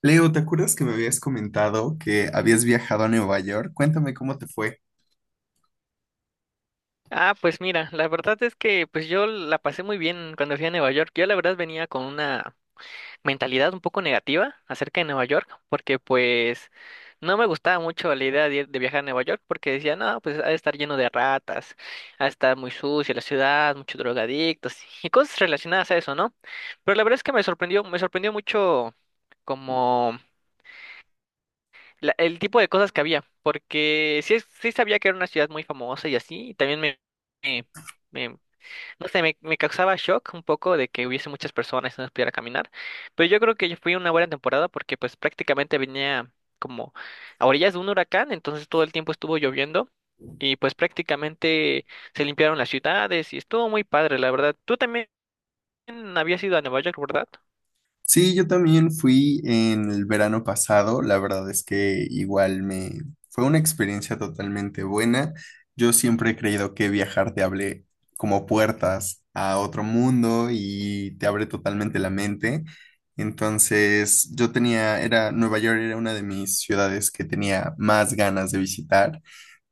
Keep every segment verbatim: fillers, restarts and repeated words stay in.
Leo, ¿te acuerdas que me habías comentado que habías viajado a Nueva York? Cuéntame cómo te fue. Ah, pues mira, la verdad es que pues yo la pasé muy bien cuando fui a Nueva York. Yo la verdad venía con una mentalidad un poco negativa acerca de Nueva York, porque pues no me gustaba mucho la idea de, ir- de viajar a Nueva York, porque decía, no, pues ha de estar lleno de ratas, ha de estar muy sucia la ciudad, muchos drogadictos y cosas relacionadas a eso, ¿no? Pero la verdad es que me sorprendió, me sorprendió mucho como la- el tipo de cosas que había, porque sí, es- sí sabía que era una ciudad muy famosa y así, y también me... me- me- no sé, me, me causaba shock un poco de que hubiese muchas personas y no pudiera caminar, pero yo creo que yo fui una buena temporada porque pues prácticamente venía como a orillas de un huracán, entonces todo el tiempo estuvo lloviendo y pues prácticamente se limpiaron las ciudades y estuvo muy padre, la verdad. Tú también habías ido a Nueva York, ¿verdad? Sí, yo también fui en el verano pasado, la verdad es que igual me fue una experiencia totalmente buena. Yo siempre he creído que viajar te abre como puertas a otro mundo y te abre totalmente la mente. Entonces, yo tenía, era, Nueva York era una de mis ciudades que tenía más ganas de visitar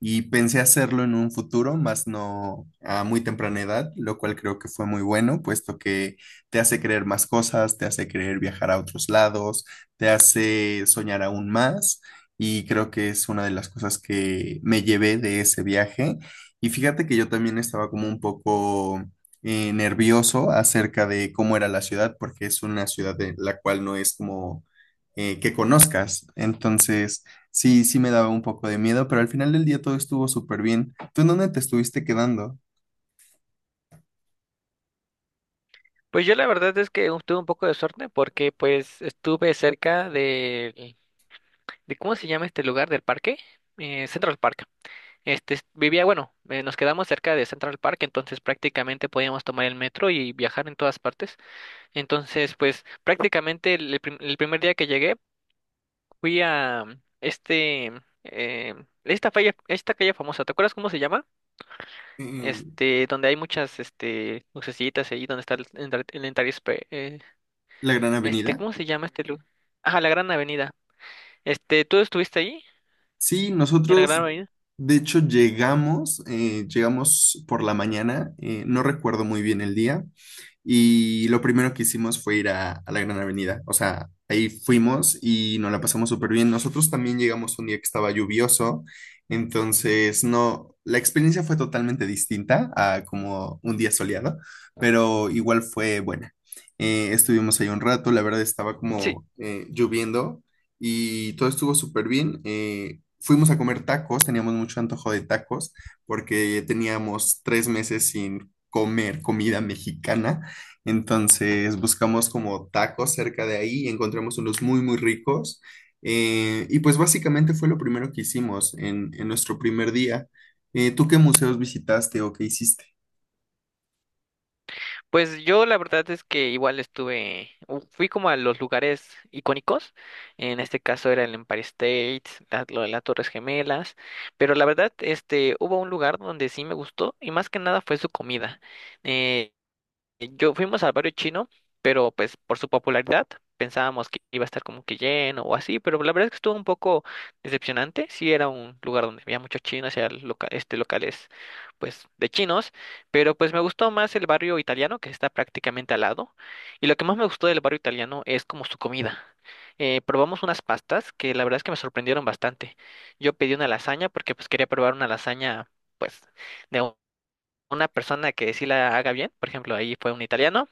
y pensé hacerlo en un futuro, más no a muy temprana edad, lo cual creo que fue muy bueno, puesto que te hace creer más cosas, te hace creer viajar a otros lados, te hace soñar aún más y creo que es una de las cosas que me llevé de ese viaje. Y fíjate que yo también estaba como un poco eh, nervioso acerca de cómo era la ciudad, porque es una ciudad de la cual no es como eh, que conozcas. Entonces, sí, sí me daba un poco de miedo, pero al final del día todo estuvo súper bien. ¿Tú en dónde te estuviste quedando? Pues yo la verdad es que tuve un poco de suerte porque pues estuve cerca de, de ¿cómo se llama este lugar del parque? Eh, Central Park. Este, es- vivía, bueno, eh, nos quedamos cerca de Central Park, entonces prácticamente podíamos tomar el metro y viajar en todas partes. Entonces, pues prácticamente el, el prim- el primer día que llegué fui a mm, este, eh, esta calle, esta calle famosa, ¿te acuerdas cómo se llama? ¿En Este, donde hay muchas, este, lucecitas ahí, donde está el, Entar- el Entire Spa- eh, la Gran este, Avenida? ¿cómo se llama este lugar? Ah, la Gran Avenida. Este, ¿tú estuviste ahí? Sí, ¿En la Gran nosotros Avenida? de hecho llegamos, eh, llegamos por la mañana, eh, no recuerdo muy bien el día, y lo primero que hicimos fue ir a, a la Gran Avenida. O sea, ahí fuimos y nos la pasamos súper bien. Nosotros también llegamos un día que estaba lluvioso. Entonces, no, la experiencia fue totalmente distinta a como un día soleado, pero igual fue buena. Eh, estuvimos ahí un rato, la verdad estaba Sí. como eh, lloviendo y todo estuvo súper bien. Eh, fuimos a comer tacos, teníamos mucho antojo de tacos porque teníamos tres meses sin comer comida mexicana. Entonces buscamos como tacos cerca de ahí, encontramos unos muy, muy ricos. eh, y pues básicamente fue lo primero que hicimos en, en nuestro primer día. Eh, ¿tú qué museos visitaste o qué hiciste? Pues yo la verdad es que igual estuve, u- fui como a los lugares icónicos, en este caso era el Empire State, la- lo de las Torres Gemelas, pero la verdad este hubo un lugar donde sí me gustó y más que nada fue su comida. Eh, eh, Yo fuimos al barrio chino, pero pues por su popularidad pensábamos que iba a estar como que lleno o así, pero la verdad es que estuvo un poco decepcionante. Sí era un lugar donde había muchos chinos, era loca- este locales pues de chinos, pero pues me gustó más el barrio italiano que está prácticamente al lado. Y lo que más me gustó del barrio italiano es como su comida. Eh, probamos unas pastas que la verdad es que me sorprendieron bastante. Yo pedí una lasaña porque pues quería probar una lasaña pues de una persona que sí la haga bien, por ejemplo, ahí fue un italiano,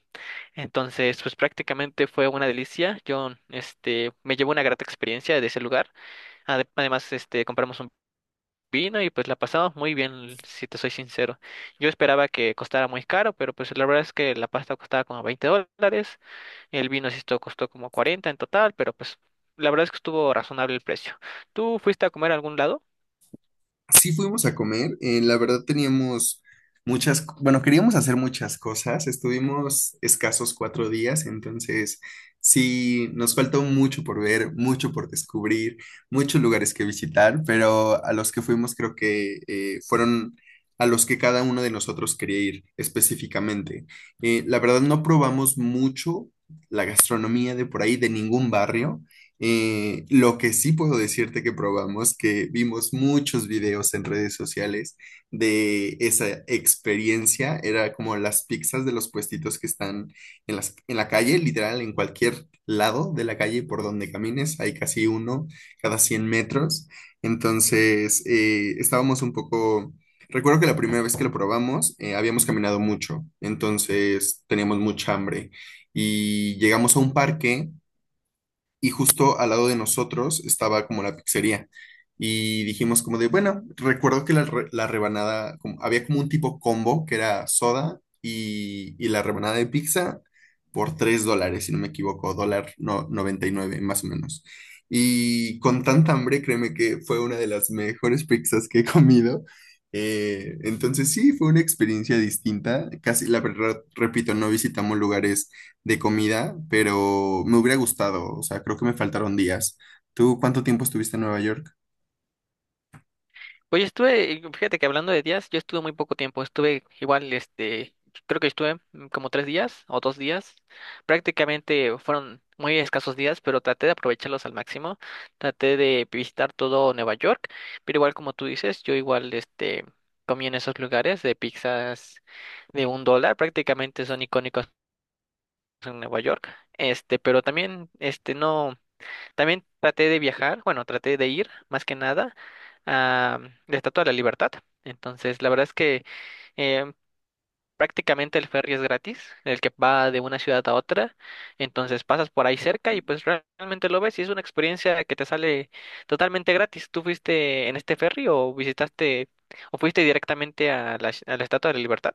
entonces pues prácticamente fue una delicia, yo este me llevó una grata experiencia de ese lugar. Ade- además este compramos un vino y pues la pasamos muy bien, si te soy sincero. Yo esperaba que costara muy caro, pero pues la verdad es que la pasta costaba como veinte dólares, el vino sí esto costó como cuarenta en total, pero pues la verdad es que estuvo razonable el precio. ¿Tú fuiste a comer a algún lado? Sí fuimos a comer, eh, la verdad teníamos muchas, co- bueno, queríamos hacer muchas cosas, estuvimos escasos cuatro días, entonces sí, nos faltó mucho por ver, mucho por descubrir, muchos lugares que visitar, pero a los que fuimos creo que eh, fueron a los que cada uno de nosotros quería ir específicamente. Eh, la verdad no probamos mucho la gastronomía de por ahí, de ningún barrio. Eh, lo que sí puedo decirte que probamos, que vimos muchos videos en redes sociales de esa experiencia, era como las pizzas de los puestitos que están en las, en la calle, literal, en cualquier lado de la calle por donde camines, hay casi uno cada cien metros. Entonces, eh, estábamos un poco... Recuerdo que la primera vez que lo probamos, eh, habíamos caminado mucho, entonces teníamos mucha hambre y llegamos a un parque y justo al lado de nosotros estaba como la pizzería. Y dijimos como de, bueno, recuerdo que la, re- la rebanada, como- había como un tipo combo que era soda y, y la rebanada de pizza por tres dólares, si no me equivoco, dólar no, noventa y nueve más o menos. Y con tanta hambre, créeme que fue una de las mejores pizzas que he comido. Eh, entonces sí, fue una experiencia distinta. Casi, la verdad, repito, no visitamos lugares de comida, pero me hubiera gustado, o sea, creo que me faltaron días. ¿Tú cuánto tiempo estuviste en Nueva York? Oye, estuve, fíjate que hablando de días, yo estuve muy poco tiempo, estuve igual, este, creo que estuve mm, como tres días o dos días, prácticamente fueron muy escasos días, pero traté de aprovecharlos al máximo, traté de visitar todo Nueva York, pero igual como tú dices, yo igual, este, comí en esos lugares de pizzas de un dólar, prácticamente son icónicos en Nueva York, este, pero también, este, no. También traté de viajar, bueno, traté de ir más que nada a la Estatua de la Libertad. Entonces, la verdad es que eh, prácticamente el ferry es gratis, el que va de una ciudad a otra. Entonces pasas por ahí cerca y pues realmente lo ves y es una experiencia que te sale totalmente gratis. ¿Tú fuiste en este ferry o visitaste o fuiste directamente a la, a la Estatua de la Libertad?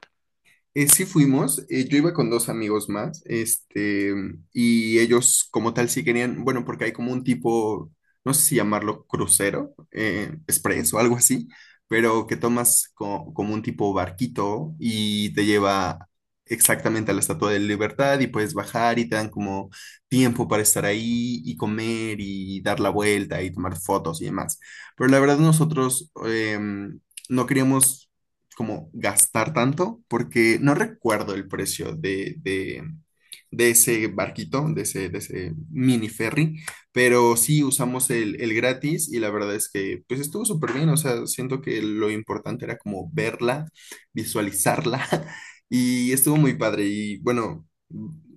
Eh, sí fuimos, eh, yo iba con dos amigos más, este, y ellos como tal sí querían, bueno, porque hay como un tipo, no sé si llamarlo crucero, eh, express o algo así, pero que tomas co- como un tipo barquito y te lleva exactamente a la Estatua de Libertad y puedes bajar y te dan como tiempo para estar ahí y comer y dar la vuelta y tomar fotos y demás. Pero la verdad nosotros em, no queríamos como gastar tanto, porque no recuerdo el precio de, de, de ese barquito, de ese, de ese mini ferry, pero sí usamos el, el gratis y la verdad es que pues estuvo súper bien, o sea, siento que lo importante era como verla, visualizarla y estuvo muy padre y bueno,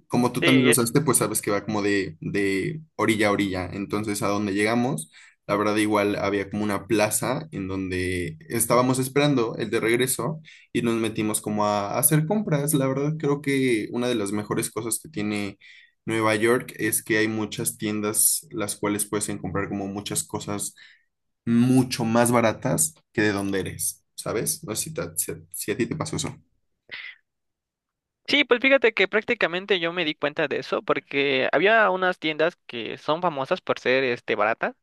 como tú también Sí, lo es... usaste, pues sabes que va como de, de orilla a orilla, entonces a donde llegamos. La verdad, igual había como una plaza en donde estábamos esperando el de regreso y nos metimos como a, a hacer compras. La verdad, creo que una de las mejores cosas que tiene Nueva York es que hay muchas tiendas las cuales puedes comprar como muchas cosas mucho más baratas que de donde eres, ¿sabes? No sé si, ta- si a si a ti te pasó eso. Sí, pues fíjate que prácticamente yo me di cuenta de eso porque había unas tiendas que son famosas por ser este baratas.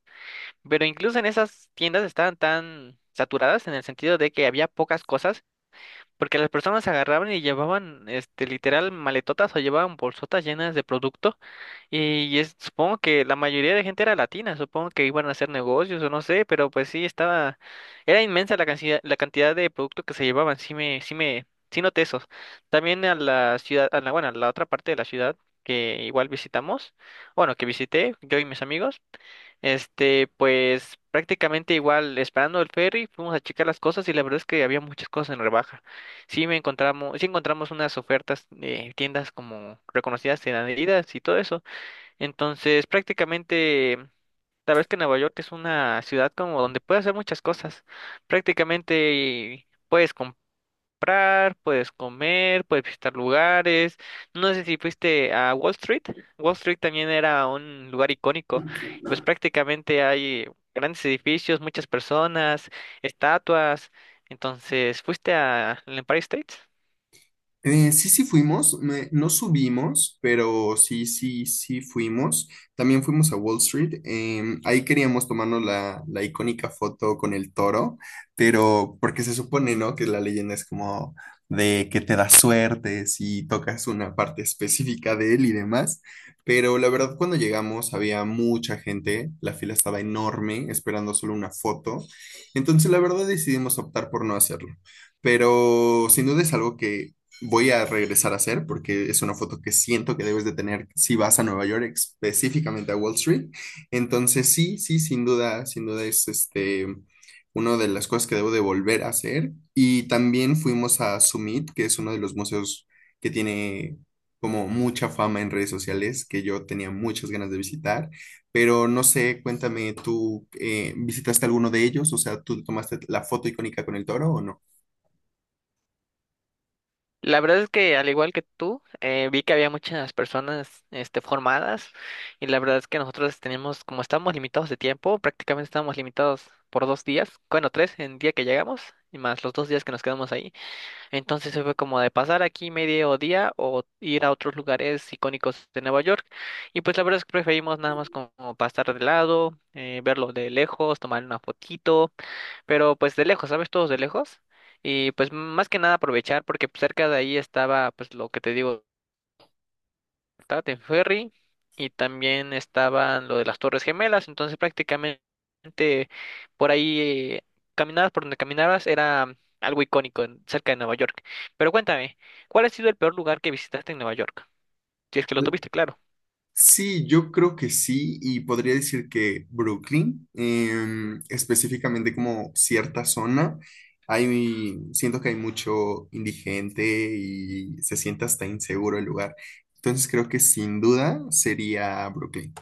Pero incluso en esas tiendas estaban tan saturadas en el sentido de que había pocas cosas, porque las personas agarraban y llevaban, este, literal maletotas o llevaban bolsotas llenas de producto. Y es- supongo que la mayoría de gente era latina, supongo que iban a hacer negocios o no sé, pero pues sí estaba, era inmensa la cantidad, la cantidad de producto que se llevaban, sí me, sí me, sí noté esos. También a la ciudad, a la, bueno, a la otra parte de la ciudad que igual visitamos, bueno, que visité yo y mis amigos. Este, pues prácticamente igual, esperando el ferry, fuimos a checar las cosas y la verdad es que había muchas cosas en rebaja. Sí me encontramos, sí encontramos unas ofertas de tiendas como reconocidas en Adidas y todo eso. Entonces, prácticamente, la verdad es que Nueva York es una ciudad como donde puedes hacer muchas cosas. Prácticamente puedes comprar comprar, puedes comer, puedes visitar lugares. No sé si fuiste a Wall Street. Wall Street también era un lugar icónico. Y pues prácticamente hay grandes edificios, muchas personas, estatuas. Entonces, ¿fuiste a el Empire State? Eh, sí, sí fuimos, me- no subimos, pero sí, sí, sí fuimos. También fuimos a Wall Street. Em, ahí queríamos tomarnos la, la icónica foto con el toro, pero porque se supone, ¿no? Que la leyenda es como de que te da suerte si tocas una parte específica de él y demás. Pero la verdad, cuando llegamos había mucha gente, la fila estaba enorme, esperando solo una foto. Entonces, la verdad, decidimos optar por no hacerlo pero sin duda es algo que voy a regresar a hacer porque es una foto que siento que debes de tener si vas a Nueva York, específicamente a Wall Street. Entonces, sí, sí, sin duda, sin duda es este una de las cosas que debo de volver a hacer. Y también fuimos a Summit, que es uno de los museos que tiene como mucha fama en redes sociales, que yo tenía muchas ganas de visitar, pero no sé, cuéntame, ¿tú eh, visitaste alguno de ellos? O sea, ¿tú tomaste la foto icónica con el toro o no? La verdad es que al igual que tú, eh, vi que había muchas personas este, formadas y la verdad es que nosotros tenemos, como estamos limitados de tiempo, prácticamente estamos limitados por dos días, bueno, tres en el día que llegamos y más los dos días que nos quedamos ahí. Entonces se fue como de pasar aquí medio día o ir a otros lugares icónicos de Nueva York. Y pues la verdad es que preferimos nada más como pasar de lado, eh, verlo de lejos, tomar una fotito, pero pues de lejos, ¿sabes? Todos de lejos. Y pues más que nada aprovechar porque pues, cerca de ahí estaba pues lo que te digo de ferry y también estaban lo de las Torres Gemelas, entonces prácticamente por ahí eh, caminabas por donde caminabas era algo icónico en- cerca de Nueva York. Pero cuéntame, ¿cuál ha sido el peor lugar que visitaste en Nueva York? Si es que lo tuviste, claro. Sí, yo creo que sí, y podría decir que Brooklyn, em, específicamente como cierta zona, hay, siento que hay mucho indigente y se siente hasta inseguro el lugar. Entonces creo que sin duda sería Brooklyn.